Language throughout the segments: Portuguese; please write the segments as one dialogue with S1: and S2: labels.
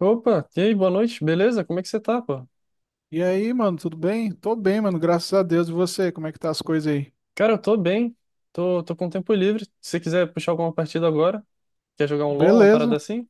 S1: Opa, e aí, boa noite, beleza? Como é que você tá, pô?
S2: E aí, mano, tudo bem? Tô bem, mano, graças a Deus. E você, como é que tá as coisas aí?
S1: Cara, eu tô bem, tô com tempo livre. Se você quiser puxar alguma partida agora, quer jogar um LoL, uma
S2: Beleza.
S1: parada assim?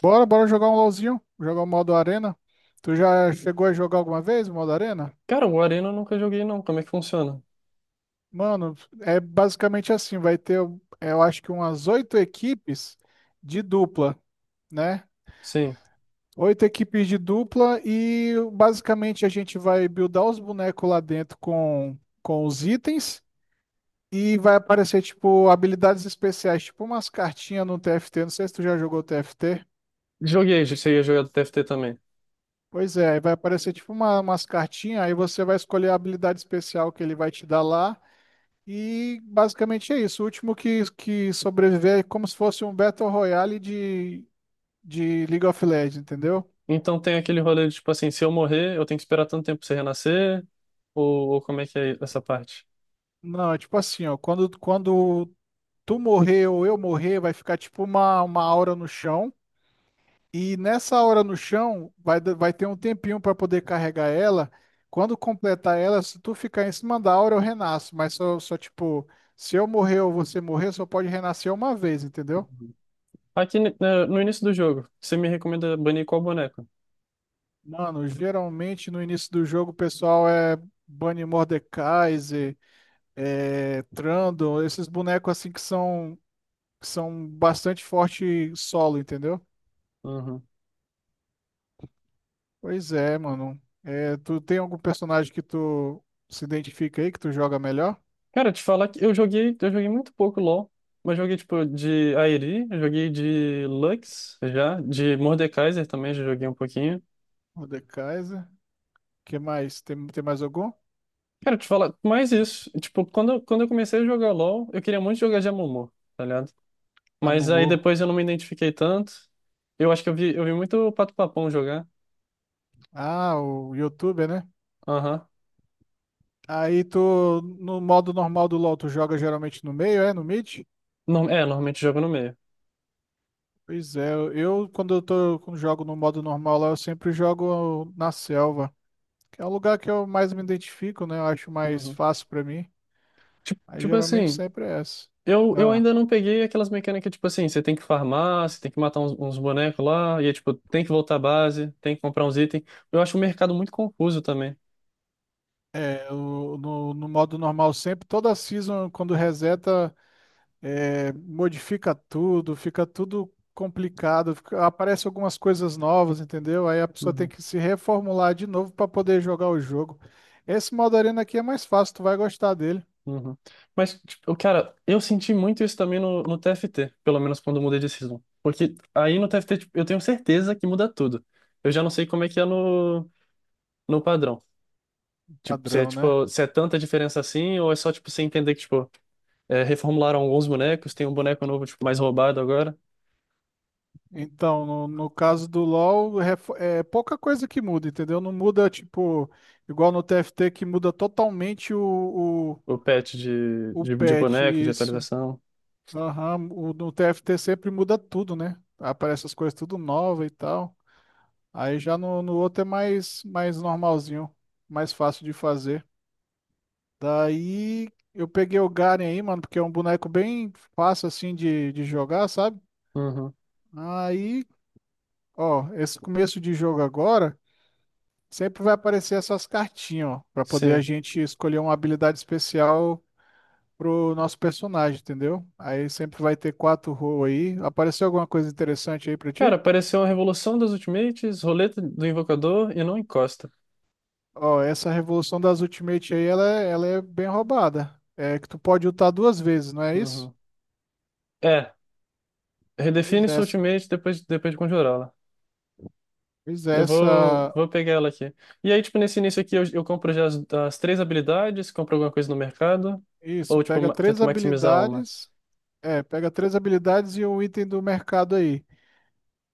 S2: Bora, bora jogar um LOLzinho, jogar o modo Arena. Tu já chegou a jogar alguma vez o modo Arena?
S1: Cara, o Arena eu nunca joguei não, como é que funciona?
S2: Mano, é basicamente assim, eu acho que umas oito equipes de dupla, né?
S1: Sim,
S2: Oito equipes de dupla e basicamente a gente vai buildar os bonecos lá dentro com os itens e vai aparecer, tipo, habilidades especiais, tipo umas cartinhas no TFT. Não sei se tu já jogou TFT.
S1: joguei, você ia jogar do TFT também.
S2: Pois é, aí vai aparecer umas cartinhas, aí você vai escolher a habilidade especial que ele vai te dar lá. E basicamente é isso. O último que sobreviver é como se fosse um Battle Royale de League of Legends, entendeu?
S1: Então tem aquele rolê de, tipo assim, se eu morrer, eu tenho que esperar tanto tempo pra você renascer, ou como é que é essa parte?
S2: Não, é tipo assim, ó, quando tu morrer ou eu morrer, vai ficar tipo uma aura no chão. E nessa hora no chão, vai ter um tempinho para poder carregar ela. Quando completar ela, se tu ficar em cima da aura, eu renasço. Mas só tipo, se eu morrer ou você morrer, só pode renascer uma vez, entendeu?
S1: Aqui né, no início do jogo, você me recomenda banir qual boneco?
S2: Mano, geralmente no início do jogo o pessoal é Bunny Mordekaiser, é Trundle, esses bonecos assim que são bastante forte solo, entendeu?
S1: Uhum.
S2: Pois é, mano. É, tu tem algum personagem que tu se identifica aí, que tu joga melhor?
S1: Cara, te falar que eu joguei muito pouco LoL, mas joguei tipo de Airi, joguei de Lux já, de Mordekaiser também já joguei um pouquinho.
S2: O The Kaiser. Que mais? Tem mais algum?
S1: Cara, te falar mais isso, tipo, quando eu comecei a jogar LoL, eu queria muito jogar de Amumu, tá ligado?
S2: A
S1: Mas aí
S2: Mumu.
S1: depois eu não me identifiquei tanto. Eu acho que eu vi muito o Pato Papão jogar.
S2: Ah, o YouTuber, né?
S1: Aham.
S2: Aí tu, no modo normal do LoL, tu joga geralmente no meio, é? No mid?
S1: É, normalmente jogo no meio.
S2: Pois é, eu quando eu tô com jogo no modo normal lá, eu sempre jogo na selva, que é o lugar que eu mais me identifico, né? Eu acho mais
S1: Uhum.
S2: fácil pra mim.
S1: Tipo,
S2: Aí
S1: tipo
S2: geralmente
S1: assim.
S2: sempre é essa.
S1: Eu
S2: Ah,
S1: ainda não peguei aquelas mecânicas, tipo assim, você tem que farmar, você tem que matar uns bonecos lá, e é tipo, tem que voltar à base, tem que comprar uns itens. Eu acho o mercado muito confuso também.
S2: é, no modo normal sempre, toda season quando reseta, é, modifica tudo, fica tudo complicado, aparece algumas coisas novas, entendeu? Aí a pessoa tem
S1: Uhum,
S2: que se reformular de novo pra poder jogar o jogo. Esse modo arena aqui é mais fácil, tu vai gostar dele,
S1: uhum. Mas, tipo, cara, eu senti muito isso também no TFT, pelo menos quando eu mudei de season. Porque aí no TFT, tipo, eu tenho certeza que muda tudo. Eu já não sei como é que é no padrão.
S2: padrão, né?
S1: Tipo, se é tanta diferença assim, ou é só, tipo, você entender que, tipo, é, reformularam alguns bonecos, tem um boneco novo, tipo, mais roubado agora.
S2: Então, no caso do LoL, é pouca coisa que muda, entendeu? Não muda, tipo, igual no TFT que muda totalmente
S1: O patch de,
S2: o
S1: de, de
S2: patch,
S1: boneco, de
S2: isso.
S1: atualização.
S2: Aham, no TFT sempre muda tudo, né? Aparece as coisas tudo nova e tal. Aí já no outro é mais normalzinho, mais fácil de fazer. Daí eu peguei o Garen aí, mano, porque é um boneco bem fácil assim de jogar, sabe?
S1: Uhum.
S2: Aí, ó, esse começo de jogo agora. Sempre vai aparecer essas cartinhas, ó, para poder a
S1: Sim.
S2: gente escolher uma habilidade especial pro nosso personagem, entendeu? Aí sempre vai ter quatro roles aí. Apareceu alguma coisa interessante aí pra
S1: Cara,
S2: ti?
S1: apareceu a Revolução dos Ultimates, Roleta do Invocador e não encosta.
S2: Ó, essa revolução das Ultimate aí, ela é bem roubada. É que tu pode ultar duas vezes, não é isso?
S1: Uhum. É,
S2: Pois
S1: redefine
S2: é,
S1: sua
S2: essa.
S1: Ultimate depois de conjurá-la.
S2: Pois é,
S1: Eu vou,
S2: essa.
S1: vou pegar ela aqui. E aí, tipo, nesse início aqui, eu compro já as três habilidades, compro alguma coisa no mercado,
S2: Isso,
S1: ou, tipo,
S2: pega três
S1: tento maximizar uma.
S2: habilidades. É, pega três habilidades e um item do mercado aí.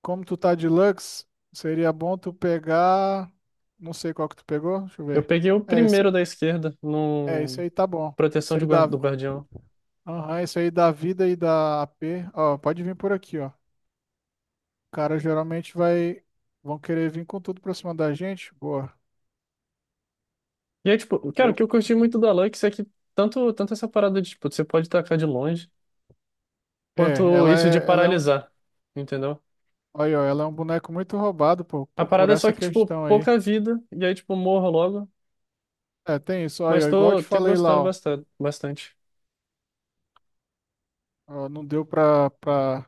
S2: Como tu tá de Lux, seria bom tu pegar. Não sei qual que tu pegou, deixa eu
S1: Eu
S2: ver.
S1: peguei o
S2: É esse,
S1: primeiro da esquerda,
S2: Esse
S1: no
S2: aí tá bom.
S1: Proteção do Guardião.
S2: Aham, esse aí da vida e da AP. Ó, pode vir por aqui, ó. O cara geralmente vai. Vão querer vir com tudo pra cima da gente. Boa.
S1: E aí, tipo, cara, o
S2: Eu,
S1: que eu curti muito da Lux é que tanto essa parada de, tipo, você pode tacar de longe,
S2: é,
S1: quanto
S2: ela
S1: isso de
S2: é, Ela é um.
S1: paralisar, entendeu?
S2: Olha, ó, ela é um boneco muito roubado por,
S1: A
S2: por, por
S1: parada é só
S2: essa
S1: que, tipo,
S2: questão aí.
S1: pouca vida, e aí, tipo, morro logo,
S2: É, tem isso.
S1: mas
S2: Olha, ó, igual eu te
S1: tenho
S2: falei
S1: gostando
S2: lá, ó.
S1: bastante, bastante.
S2: Ó, não deu pra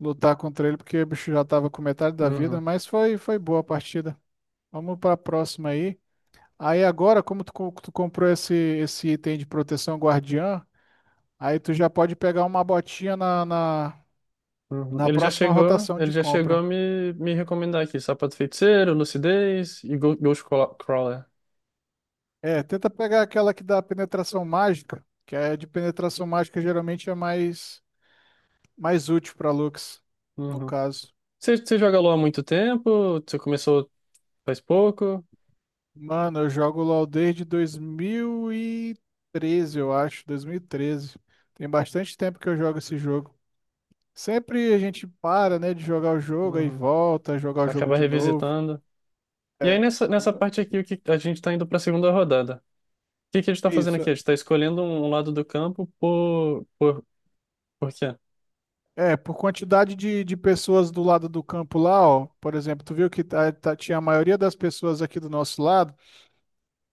S2: lutar contra ele, porque o bicho já tava com metade da vida,
S1: Uhum,
S2: mas foi boa a partida. Vamos pra próxima aí. Aí agora, tu comprou esse item de proteção guardiã, aí tu já pode pegar uma botinha
S1: uhum.
S2: na
S1: Ele já
S2: próxima
S1: chegou,
S2: rotação
S1: ele
S2: de
S1: já chegou a
S2: compra.
S1: me recomendar aqui, Sapato Feiticeiro, Lucidez e Ghost Crawler.
S2: É, tenta pegar aquela que dá penetração mágica, que é de penetração mágica geralmente é mais útil pra Lux, no
S1: Uhum.
S2: caso.
S1: Você joga LoL há muito tempo? Você começou faz pouco?
S2: Mano, eu jogo LoL desde 2013. Tem bastante tempo que eu jogo esse jogo. Sempre a gente para, né, de jogar o jogo, aí
S1: Uhum.
S2: volta, a jogar o jogo
S1: Acaba
S2: de novo.
S1: revisitando? E aí, nessa parte aqui, o que a gente está indo para a segunda rodada. O que, que a gente está fazendo
S2: Isso.
S1: aqui? A gente está escolhendo um lado do campo por, por quê?
S2: É, por quantidade de pessoas do lado do campo lá, ó. Por exemplo, tu viu que tinha a maioria das pessoas aqui do nosso lado.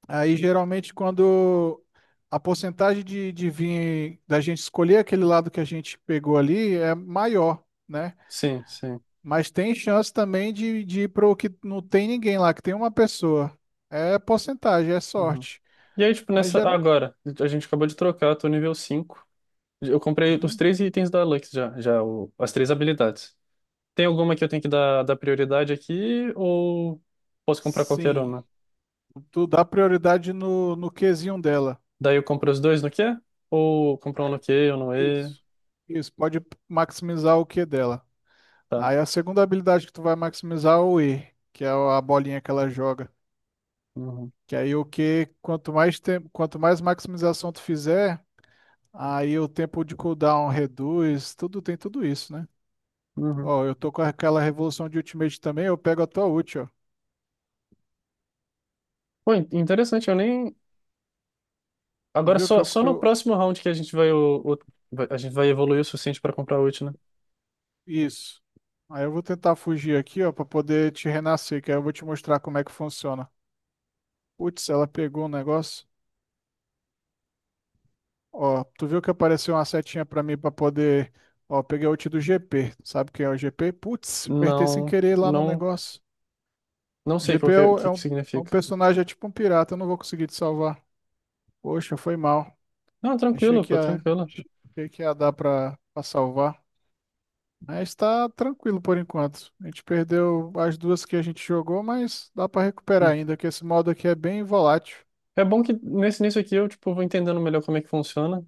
S2: Aí geralmente quando a porcentagem de vir da gente escolher aquele lado que a gente pegou ali é maior, né?
S1: Sim, sim.
S2: Mas tem chance também de ir pro que não tem ninguém lá, que tem uma pessoa. É porcentagem, é
S1: Uhum.
S2: sorte.
S1: E aí, tipo,
S2: Mas geral.
S1: agora, a gente acabou de trocar, eu tô nível 5. Eu comprei os
S2: Uhum.
S1: três itens da Lux já, as três habilidades. Tem alguma que eu tenho que dar prioridade aqui ou posso comprar qualquer
S2: Sim.
S1: uma?
S2: Tu dá prioridade no Qzinho dela.
S1: Daí eu compro os dois no quê? Ou compro um no Q ou no E?
S2: Isso. Isso, pode maximizar o Q dela.
S1: Tá.
S2: Aí a segunda habilidade que tu vai maximizar é o E, que é a bolinha que ela joga.
S1: Uhum.
S2: Que aí o Q, quanto mais tempo, quanto mais maximização tu fizer, aí o tempo de cooldown reduz, tudo tem tudo isso, né?
S1: Uhum.
S2: Ó, eu tô com aquela revolução de Ultimate também, eu pego a tua ult, ó.
S1: Pô, interessante, eu nem.
S2: Tu
S1: Agora
S2: viu que
S1: só,
S2: eu,
S1: só
S2: que
S1: no
S2: eu...
S1: próximo round que a gente vai, o- vai- a gente vai evoluir o suficiente para comprar ult, né?
S2: Isso. Aí eu vou tentar fugir aqui, ó, pra poder te renascer, que aí eu vou te mostrar como é que funciona. Putz, ela pegou um negócio. Ó, tu viu que apareceu uma setinha pra mim pra poder... Ó, peguei a ult do GP. Sabe quem é o GP? Putz, apertei sem
S1: Não,
S2: querer lá no
S1: não,
S2: negócio.
S1: não sei qual
S2: GP
S1: que,
S2: é,
S1: é-
S2: o-
S1: que,
S2: é
S1: que
S2: um, é um
S1: significa.
S2: personagem, é tipo um pirata, eu não vou conseguir te salvar. Poxa, foi mal.
S1: Não,
S2: Achei
S1: tranquilo,
S2: que
S1: pô,
S2: ia,
S1: tranquilo.
S2: Achei que ia dar pra salvar. Mas está tranquilo por enquanto. A gente perdeu as duas que a gente jogou, mas dá para recuperar
S1: Hum.
S2: ainda, que esse modo aqui é bem volátil.
S1: É bom que nesse nisso aqui eu tipo vou entendendo melhor como é que funciona.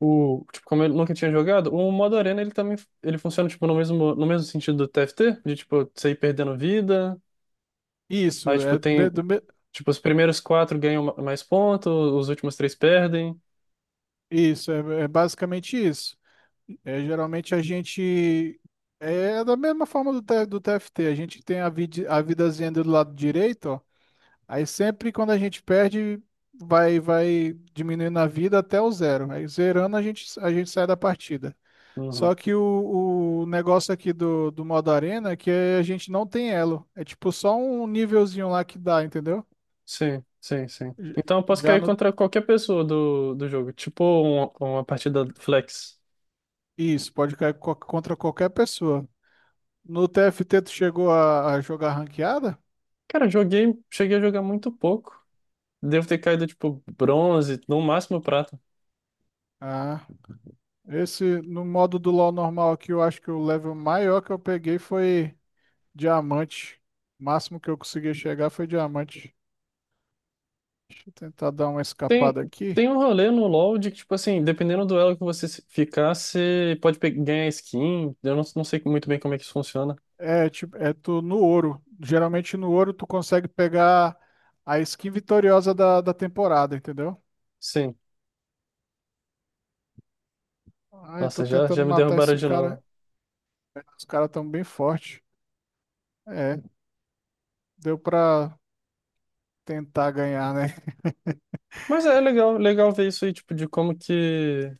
S1: O, tipo, como eu nunca tinha jogado, o modo arena ele também ele funciona tipo no mesmo sentido do TFT, de tipo você ir perdendo vida, aí
S2: Isso,
S1: tipo
S2: é, me-
S1: tem
S2: do me-
S1: tipo os primeiros quatro ganham mais pontos, os últimos três perdem.
S2: isso, é, É basicamente isso. É, geralmente a gente é da mesma forma do TFT, a gente tem a vidazinha do lado direito, ó. Aí sempre quando a gente perde, vai diminuindo a vida até o zero. Aí zerando a gente sai da partida.
S1: Uhum.
S2: Só que o negócio aqui do modo arena é que a gente não tem elo. É tipo só um nívelzinho lá que dá, entendeu?
S1: Sim, sim, sim.
S2: J-
S1: Então eu posso
S2: Já
S1: cair
S2: no.
S1: contra qualquer pessoa do jogo. Tipo uma partida flex.
S2: Isso, pode cair contra qualquer pessoa. No TFT, tu chegou a jogar ranqueada?
S1: Cara, eu joguei, cheguei a jogar muito pouco. Devo ter caído, tipo, bronze, no máximo prata.
S2: Ah, esse no modo do LoL normal aqui, eu acho que o level maior que eu peguei foi diamante. O máximo que eu consegui chegar foi diamante. Deixa eu tentar dar uma
S1: Tem,
S2: escapada aqui.
S1: tem um rolê no LoL de que, tipo assim, dependendo do elo que você ficar, você pode ganhar skin. Eu não sei muito bem como é que isso funciona.
S2: É, tipo, é tu no ouro. Geralmente no ouro tu consegue pegar a skin vitoriosa da temporada, entendeu?
S1: Sim.
S2: Ai, tô
S1: Nossa, já,
S2: tentando
S1: já me
S2: matar
S1: derrubaram
S2: esse
S1: de
S2: cara.
S1: novo.
S2: Os caras tão bem fortes. É, deu pra tentar ganhar, né?
S1: Mas é legal, legal ver isso aí, tipo, de como que,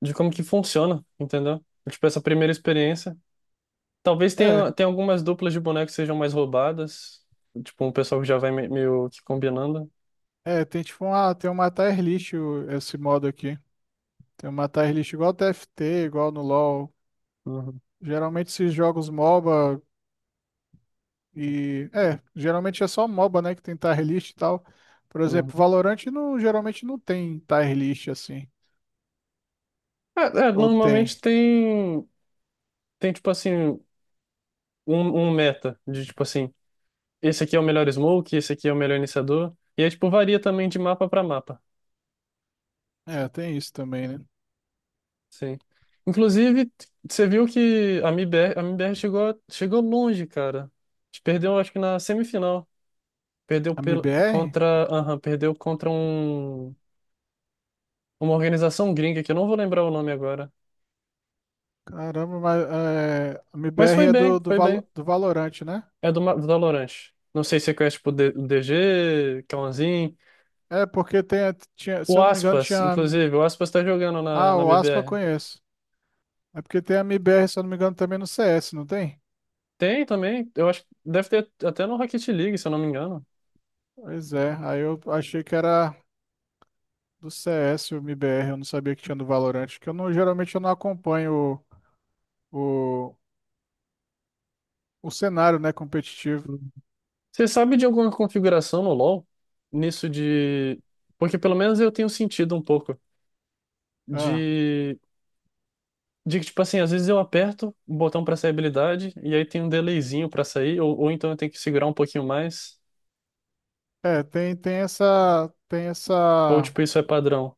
S1: de como que funciona, entendeu? Tipo, essa primeira experiência. Talvez
S2: É,
S1: tenha algumas duplas de bonecos que sejam mais roubadas. Tipo, um pessoal que já vai meio que combinando.
S2: tem tipo uma, tem um matar Erlich esse modo aqui. Tem um matar Erlich igual TFT, igual no LoL.
S1: Uhum,
S2: Geralmente esses jogos MOBA e... É, geralmente é só MOBA, né, que tem tier list e tal. Por exemplo,
S1: uhum.
S2: Valorant não, geralmente não tem tier list assim.
S1: É, é,
S2: Ou tem?
S1: normalmente tem tipo assim, um meta de tipo assim, esse aqui é o melhor smoke, esse aqui é o melhor iniciador. E aí, tipo, varia também de mapa para mapa.
S2: É, tem isso também, né?
S1: Sim. Inclusive, você viu que a MIBR chegou, chegou longe, cara. Perdeu, acho que na semifinal. Perdeu
S2: A MBR?
S1: contra, aham, perdeu contra um. Uma organização gringa que eu não vou lembrar o nome agora.
S2: Caramba, mas é, a
S1: Mas
S2: MBR
S1: foi
S2: é
S1: bem, foi bem.
S2: Do Valorante, né?
S1: É do do Valorant. Não sei se é conhece, tipo DG, Kalanzin.
S2: É, porque tem, tinha, se
S1: O
S2: eu não me engano,
S1: Aspas,
S2: tinha.
S1: inclusive, o Aspas tá jogando na,
S2: Ah,
S1: na
S2: o Aspa eu
S1: BBR.
S2: conheço. É porque tem a MBR, se eu não me engano, também no CS, não tem?
S1: Tem também, eu acho que deve ter até no Rocket League, se eu não me engano.
S2: Pois é, aí eu achei que era. Do CS, o MBR, eu não sabia que tinha do Valorant, que eu não, geralmente eu não acompanho o, o, o cenário, né, competitivo.
S1: Uhum. Você sabe de alguma configuração no LoL? Nisso de. Porque pelo menos eu tenho sentido um pouco
S2: Ah,
S1: de. De que, tipo assim, às vezes eu aperto o botão pra sair habilidade e aí tem um delayzinho pra sair, ou então eu tenho que segurar um pouquinho mais.
S2: é, tem,
S1: Ou, tipo, isso é padrão?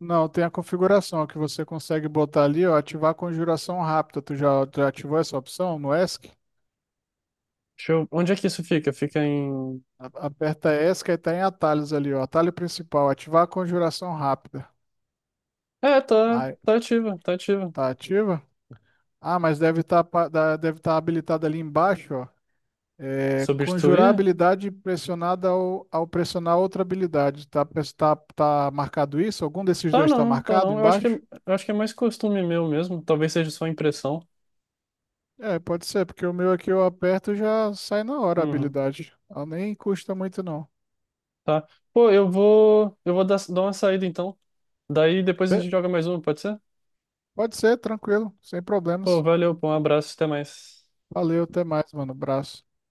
S2: não, tem a configuração que você consegue botar ali, ó, ativar a conjuração rápida. Tu já ativou essa opção no ESC?
S1: Deixa eu... Onde é que isso fica? Fica em...
S2: Aperta ESC e tá em atalhos ali, ó, atalho principal, ativar a conjuração rápida.
S1: É, tá,
S2: Aí,
S1: tá ativa, tá ativa.
S2: tá ativa? Ah, mas deve tá habilitado ali embaixo. É, conjurar
S1: Substituir?
S2: habilidade pressionada ao pressionar outra habilidade. Tá marcado isso? Algum desses
S1: Tá
S2: dois está
S1: não, tá
S2: marcado
S1: não. Eu acho que, é-
S2: embaixo?
S1: eu acho que é mais costume meu mesmo. Talvez seja só impressão.
S2: É, pode ser, porque o meu aqui eu aperto e já sai na hora a
S1: Uhum,
S2: habilidade. Ela nem custa muito, não.
S1: tá. Pô, eu vou dar uma saída então. Daí depois a
S2: Be-
S1: gente joga mais uma, pode ser?
S2: Pode ser, tranquilo, sem
S1: Pô,
S2: problemas.
S1: valeu, pô, um abraço, até mais.
S2: Valeu, até mais, mano. Abraço.